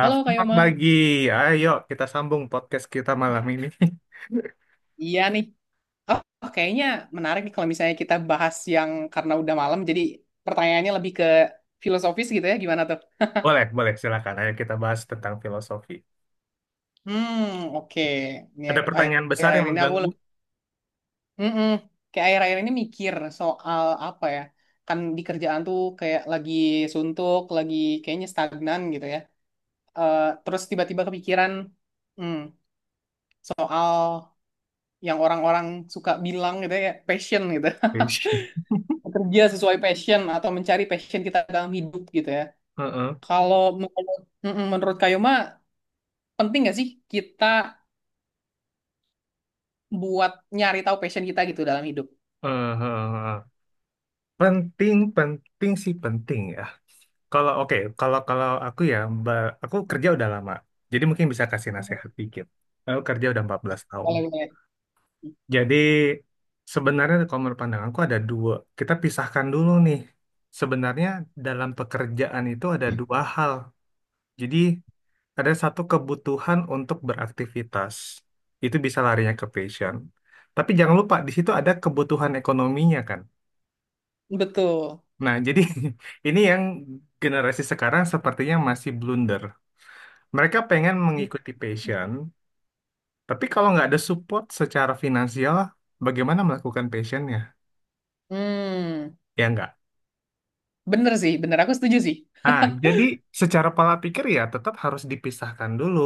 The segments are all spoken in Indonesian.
Halo Kak Yoma. lagi. Ayo kita sambung podcast kita malam ini. Iya nih. Oh, Kayaknya menarik nih kalau misalnya kita bahas yang karena udah malam, jadi pertanyaannya lebih ke filosofis gitu ya, gimana tuh? Boleh, boleh, silakan. Ayo kita bahas tentang filosofi. Hmm, oke. Ini Ada akhir- pertanyaan besar Akhir-akhir yang ini aku mengganggu. lebih, Mm-mm, kayak akhir-akhir ini mikir soal apa ya? Kan di kerjaan tuh kayak lagi suntuk, lagi kayaknya stagnan gitu ya. Terus tiba-tiba kepikiran, hmm, soal yang orang-orang suka bilang gitu ya, passion gitu. Ish. Kerja sesuai passion atau mencari passion kita dalam hidup gitu ya. Heeh. Kalau menurut, mm-mm, Menurut Kayoma, penting nggak sih kita buat nyari tahu passion kita gitu dalam hidup? Heeh, penting, penting sih penting ya. Kalau oke, kalau kalau aku ya, aku kerja udah lama. Jadi mungkin bisa kasih nasihat dikit. Aku kerja udah 14 tahun. Kalau boleh. Jadi sebenarnya kalau menurut pandanganku ada dua. Kita pisahkan dulu nih. Sebenarnya dalam pekerjaan itu ada dua hal. Jadi ada satu kebutuhan untuk beraktivitas. Itu bisa larinya ke passion. Tapi jangan lupa di situ ada kebutuhan ekonominya kan. Betul. Nah, jadi ini yang generasi sekarang sepertinya masih blunder. Mereka pengen mengikuti passion, tapi kalau nggak ada support secara finansial, bagaimana melakukan passionnya? Hmm, Ya nggak. Bener sih, bener, aku setuju sih. Nah, jadi secara pola pikir ya tetap harus dipisahkan dulu.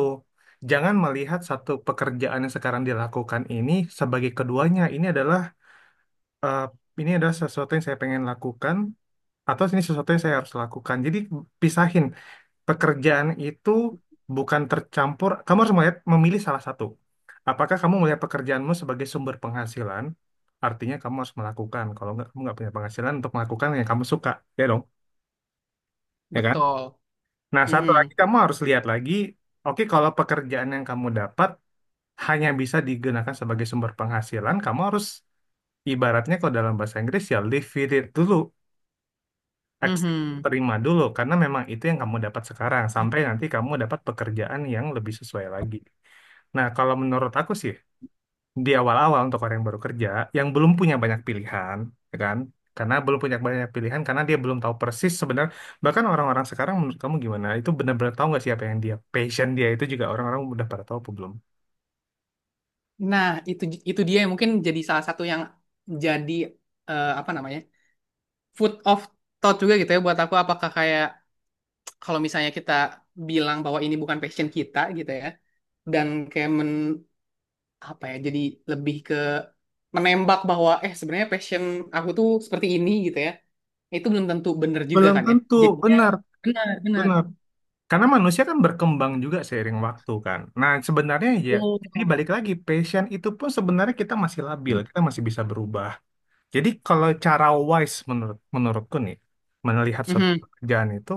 Jangan melihat satu pekerjaan yang sekarang dilakukan ini sebagai keduanya. Ini adalah eh, ini adalah sesuatu yang saya pengen lakukan atau ini sesuatu yang saya harus lakukan. Jadi pisahin pekerjaan itu bukan tercampur. Kamu harus melihat memilih salah satu. Apakah kamu melihat pekerjaanmu sebagai sumber penghasilan? Artinya kamu harus melakukan. Kalau nggak kamu nggak punya penghasilan untuk melakukan yang kamu suka, ya dong, ya kan? Betul. Nah satu lagi Mhm. kamu harus lihat lagi. Oke, kalau pekerjaan yang kamu dapat hanya bisa digunakan sebagai sumber penghasilan, kamu harus ibaratnya kalau dalam bahasa Inggris ya live with it dulu. Ex- Mhm. Terima dulu karena memang itu yang kamu dapat sekarang sampai nanti kamu dapat pekerjaan yang lebih sesuai lagi. Nah, kalau menurut aku sih di awal-awal untuk orang yang baru kerja yang belum punya banyak pilihan, ya kan? Karena belum punya banyak pilihan karena dia belum tahu persis sebenarnya bahkan orang-orang sekarang menurut kamu gimana? Itu benar-benar tahu nggak sih apa yang dia passion dia itu juga orang-orang udah pada tahu apa belum? Nah, itu itu dia yang mungkin jadi salah satu yang jadi apa namanya? Food of thought juga gitu ya buat aku, apakah kayak kalau misalnya kita bilang bahwa ini bukan passion kita gitu ya, dan kayak men apa ya, jadi lebih ke menembak bahwa sebenarnya passion aku tuh seperti ini gitu ya, itu belum tentu bener juga Belum kan ya, tentu, jadinya benar, benar benar. benar. Karena manusia kan berkembang juga seiring waktu kan. Nah, sebenarnya ya, jadi Oh. balik lagi, passion itu pun sebenarnya kita masih labil, kita masih bisa berubah. Jadi kalau cara wise menurutku nih, melihat suatu Mhm. pekerjaan itu,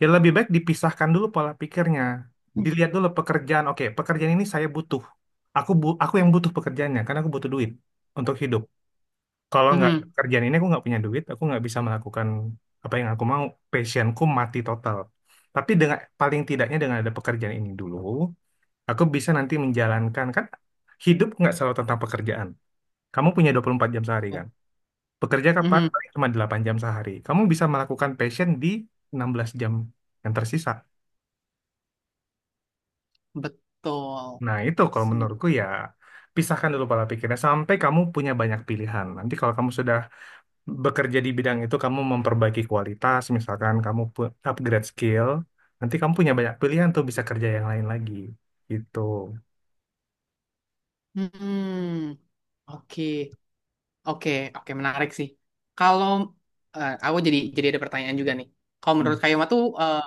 ya lebih baik dipisahkan dulu pola pikirnya. Dilihat dulu pekerjaan, oke, pekerjaan ini saya butuh. Aku yang butuh pekerjaannya, karena aku butuh duit untuk hidup. Kalau nggak ada Mhm. kerjaan ini aku nggak punya duit, aku nggak bisa melakukan apa yang aku mau. Passionku mati total. Tapi dengan paling tidaknya dengan ada pekerjaan ini dulu, aku bisa nanti menjalankan kan hidup nggak selalu tentang pekerjaan. Kamu punya 24 jam sehari kan? Bekerja kapan? Mhm. Paling Cuma 8 jam sehari. Kamu bisa melakukan passion di 16 jam yang tersisa. Betul Nah, itu kalau sih. menurutku ya pisahkan dulu pola pikirnya sampai kamu punya banyak pilihan. Nanti kalau kamu sudah bekerja di bidang itu kamu memperbaiki kualitas, misalkan upgrade skill, nanti kamu punya banyak pilihan tuh bisa kerja yang lain lagi. Gitu. Hmm, oke. Oke, oke, menarik sih. Kalau aku jadi ada pertanyaan juga nih. Kalau menurut Kayoma tuh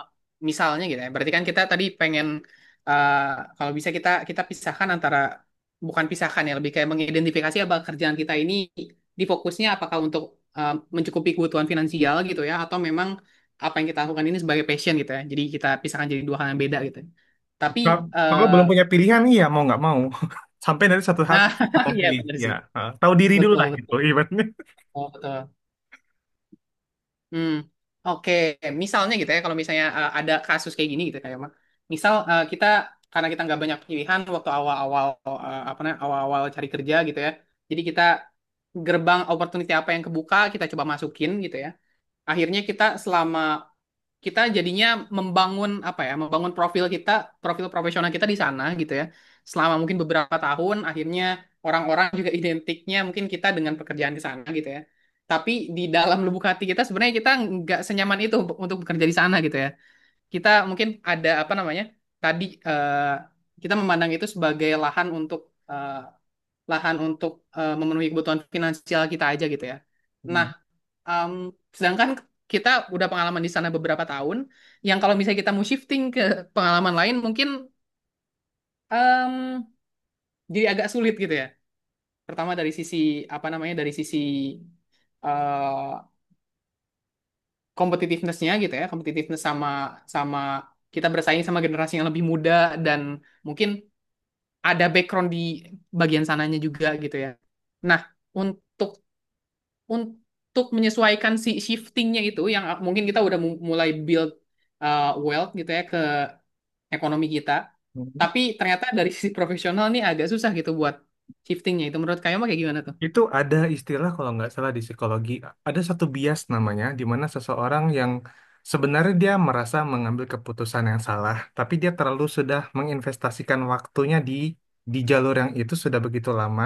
misalnya gitu ya, berarti kan kita tadi pengen eh, kalau bisa kita kita pisahkan antara bukan pisahkan ya, lebih kayak mengidentifikasi apa kerjaan kita ini difokusnya apakah untuk mencukupi kebutuhan finansial gitu ya, atau memang apa yang kita lakukan ini sebagai passion gitu ya. Jadi kita pisahkan jadi dua hal yang beda gitu. Tapi Ka- Kalau eh belum punya pilihan, iya mau nggak mau. Sampai nanti satu saat nah kamu iya memilih, benar ya. sih. Tahu diri dulu Betul, lah gitu, betul. ibaratnya. Oh, betul. Hmm, oke. Misalnya gitu ya, kalau misalnya ada kasus kayak gini gitu kayak Mak. Misal kita karena kita nggak banyak pilihan waktu awal-awal, apa namanya, awal-awal cari kerja gitu ya. Jadi kita gerbang opportunity apa yang kebuka kita coba masukin gitu ya. Akhirnya kita selama kita jadinya membangun apa ya, membangun profil kita, profil profesional kita di sana gitu ya, selama mungkin beberapa tahun akhirnya orang-orang juga identiknya mungkin kita dengan pekerjaan di sana gitu ya, tapi di dalam lubuk hati kita sebenarnya kita nggak senyaman itu untuk bekerja di sana gitu ya. Kita mungkin ada apa namanya, tadi kita memandang itu sebagai lahan untuk eh, lahan untuk memenuhi kebutuhan finansial kita aja gitu ya. Nah, Um, sedangkan kita udah pengalaman di sana beberapa tahun, yang kalau misalnya kita mau shifting ke pengalaman lain mungkin um, jadi agak sulit gitu ya. Pertama dari sisi apa namanya, dari sisi uh, competitiveness-nya gitu ya, competitiveness sama sama kita bersaing sama generasi yang lebih muda dan mungkin ada background di bagian sananya juga gitu ya. Nah, untuk menyesuaikan si shiftingnya itu, yang mungkin kita udah mulai build wealth gitu ya, ekonomi kita. Hmm. Tapi ternyata dari sisi profesional nih agak susah gitu buat shiftingnya. Itu menurut kamu kayak gimana tuh? Itu ada istilah kalau nggak salah di psikologi, ada satu bias namanya, di mana seseorang yang sebenarnya dia merasa mengambil keputusan yang salah, tapi dia terlalu sudah menginvestasikan waktunya di jalur yang itu sudah begitu lama,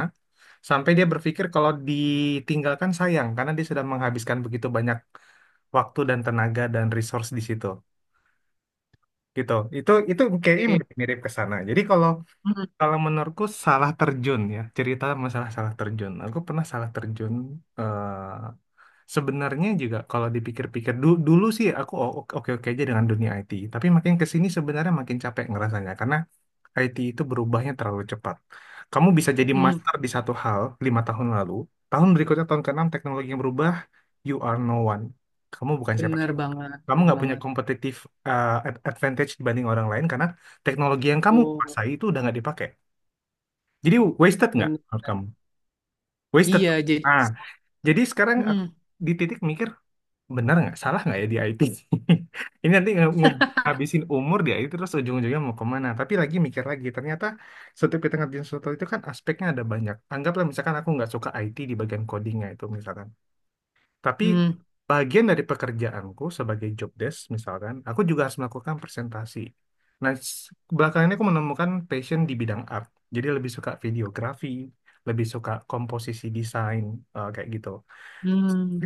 sampai dia berpikir kalau ditinggalkan sayang, karena dia sudah menghabiskan begitu banyak waktu dan tenaga dan resource di situ. Gitu. Itu kayaknya Oke. mirip ke sana. Jadi kalau Mm, kalau menurutku salah terjun ya, cerita masalah salah terjun. Aku pernah salah terjun eh, sebenarnya juga kalau dipikir-pikir dulu sih aku oke-oke aja dengan dunia IT, tapi makin ke sini sebenarnya makin capek ngerasanya karena IT itu berubahnya terlalu cepat. Kamu bisa jadi mm. master di satu hal 5 tahun lalu, tahun berikutnya tahun keenam teknologi yang berubah, you are no one. Kamu bukan Bener siapa-siapa. banget, Kamu bener nggak punya banget. kompetitif advantage dibanding orang lain karena teknologi yang kamu Tuh, kuasai itu udah nggak dipakai. Jadi wasted nggak bener. menurut kamu? Wasted. Iya, jadi Ah, jadi sekarang aku mm, di titik mikir benar nggak salah nggak ya di IT ini nanti ngabisin umur di IT terus ujung-ujungnya mau kemana tapi lagi mikir lagi ternyata setiap kita ngerjain sesuatu itu kan aspeknya ada banyak anggaplah misalkan aku nggak suka IT di bagian codingnya itu misalkan tapi mm, bagian dari pekerjaanku sebagai job desk misalkan aku juga harus melakukan presentasi nah belakangan ini aku menemukan passion di bidang art jadi lebih suka videografi lebih suka komposisi desain kayak gitu mm,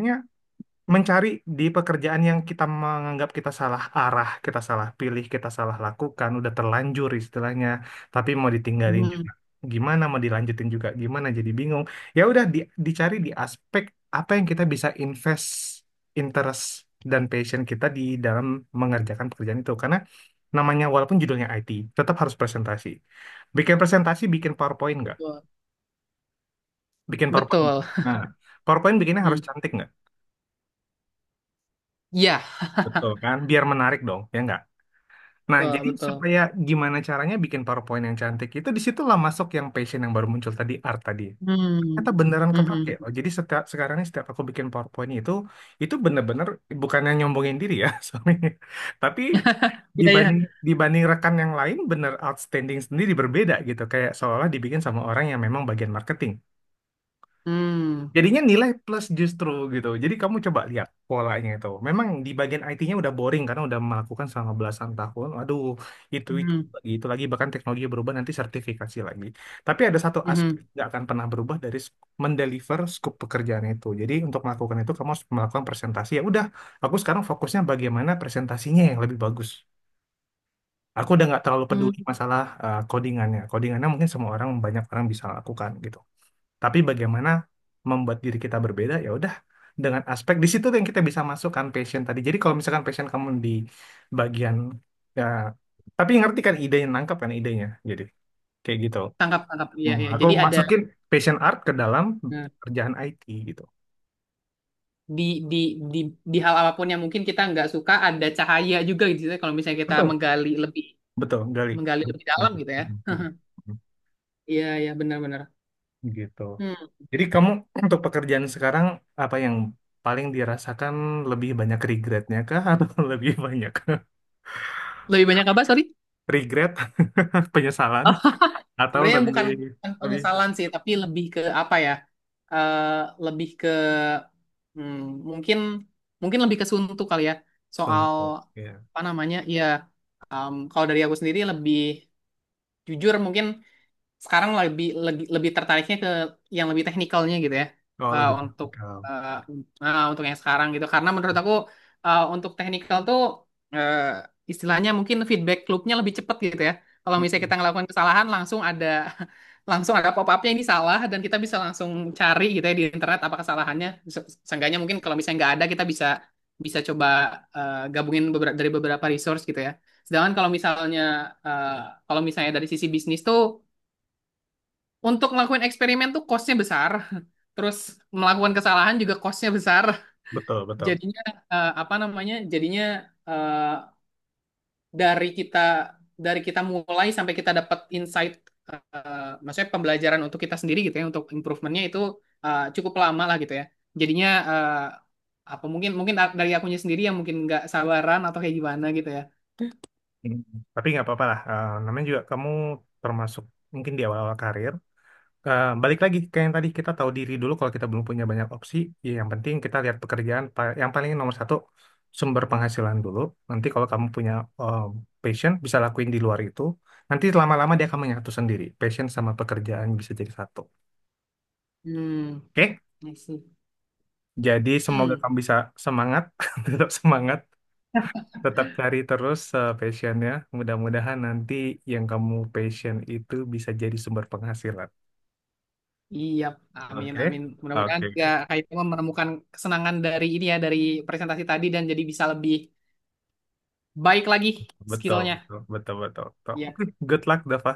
mencari di pekerjaan yang kita menganggap kita salah arah, kita salah pilih, kita salah lakukan, udah terlanjur istilahnya, tapi mau ditinggalin mm. juga. Gimana mau dilanjutin juga gimana jadi bingung. Ya udah dicari di aspek apa yang kita bisa invest interest dan passion kita di dalam mengerjakan pekerjaan itu. Karena namanya walaupun judulnya IT, tetap harus presentasi. Bikin presentasi, bikin PowerPoint nggak? Betul. Bikin PowerPoint. Betul. Nah, PowerPoint bikinnya harus Mm. cantik nggak? Iya, Betul kan? Biar menarik dong, ya nggak? Nah, betul, jadi betul. supaya gimana caranya bikin PowerPoint yang cantik itu disitulah masuk yang passion yang baru muncul tadi art tadi. Mm. Ternyata beneran kepake loh. Mhm. Jadi setiap sekarang ini setiap aku bikin PowerPoint itu bener-bener bukannya nyombongin diri ya soalnya. Tapi Iya, iya. dibanding dibanding rekan yang lain bener outstanding sendiri berbeda gitu. Kayak seolah dibikin sama orang yang memang bagian marketing. Hmm. Jadinya nilai plus justru gitu. Jadi kamu coba lihat polanya itu. Memang di bagian IT-nya udah boring karena udah melakukan selama belasan tahun. Aduh, itu Mhm. lagi itu lagi bahkan teknologi berubah nanti sertifikasi lagi. Tapi ada satu aspek Mhm. yang nggak akan pernah berubah dari mendeliver scope pekerjaan itu. Jadi untuk melakukan itu kamu harus melakukan presentasi. Ya udah, aku sekarang fokusnya bagaimana presentasinya yang lebih bagus. Aku udah nggak terlalu Hmm. peduli masalah codingannya. Codingannya mungkin semua orang banyak orang bisa lakukan gitu tapi bagaimana membuat diri kita berbeda ya udah dengan aspek di situ yang kita bisa masukkan passion tadi jadi kalau misalkan passion kamu di bagian ya tapi ngerti kan idenya nangkap kan idenya jadi kayak gitu. Tangkap, tangkap. Iya, Hmm, iya. aku Jadi iya, ada. masukin passion art ke dalam Nah, kerjaan IT gitu, di di di di hal apapun yang mungkin kita nggak suka ada cahaya juga gitu ya, kalau misalnya kita betul menggali lebih, betul. Gali. menggali lebih dalam gitu ya. Hmm, Iya, iya, benar-benar. gitu. Hmm. Jadi kamu untuk pekerjaan sekarang apa yang paling dirasakan lebih banyak regretnya kah atau lebih banyak Lebih banyak apa, sorry? regret penyesalan Oh, atau sebenarnya lebih bukan, bukan lebih penyesalan sih, tapi lebih ke apa ya. Eh Lebih ke hmm, mungkin mungkin lebih ke suntuk kali ya, soal contoh ya. apa namanya ya. Kalau dari aku sendiri lebih jujur mungkin sekarang lebih lebih lebih tertariknya ke yang lebih teknikalnya gitu ya. Oh Eh, lebih untuk teknikal. eh, untuk yang sekarang gitu, karena menurut aku untuk teknikal tuh eh, istilahnya mungkin feedback loopnya lebih cepat gitu ya. Kalau misalnya Mm, kita ngelakukan kesalahan langsung ada langsung ada pop-upnya ini salah, dan kita bisa langsung cari gitu ya di internet apa kesalahannya. Seenggaknya mungkin kalau misalnya nggak ada, kita bisa bisa coba gabungin beberapa dari beberapa resource gitu ya. Sedangkan kalau misalnya eh, kalau misalnya dari sisi bisnis tuh untuk ngelakuin eksperimen tuh costnya besar. Terus melakukan kesalahan juga costnya besar. betul betul. Jadinya apa namanya? Jadinya eh, dari kita dari kita mulai sampai kita dapat insight, maksudnya pembelajaran untuk kita sendiri gitu ya, untuk improvementnya itu cukup lama lah gitu ya. Jadinya eh, apa mungkin mungkin dari akunya sendiri yang mungkin nggak sabaran atau kayak gimana gitu ya. Mm. Tapi nggak apa-apa lah. Eh, namanya juga kamu termasuk mungkin di awal-awal karir. Eh, balik lagi ke yang tadi kita tahu diri dulu kalau kita belum punya banyak opsi ya yang penting kita lihat pekerjaan yang paling nomor satu sumber penghasilan dulu nanti kalau kamu punya eh, passion bisa lakuin di luar itu nanti lama-lama dia akan menyatu sendiri passion sama pekerjaan bisa jadi satu, Hmm, oke. I see. Jadi semoga Hmm. kamu bisa semangat tetap semangat. Tetap cari terus passionnya. Mudah-mudahan nanti yang kamu passion itu bisa jadi sumber penghasilan. Iya, amin, amin. Oke, Mudah-mudahan ya oke, Haitama menemukan kesenangan dari ini ya, dari presentasi tadi dan jadi bisa lebih baik lagi betul, skillnya. betul, betul, betul, betul. Iya, Oke, good luck, Dava.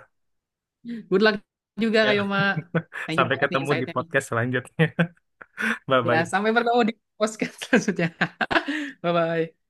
good luck juga Ya. Kayoma. Thank you Sampai banget nih ketemu di insight-nya nih. podcast selanjutnya. Ya, Bye-bye. sampai bertemu di podcast selanjutnya. Bye-bye.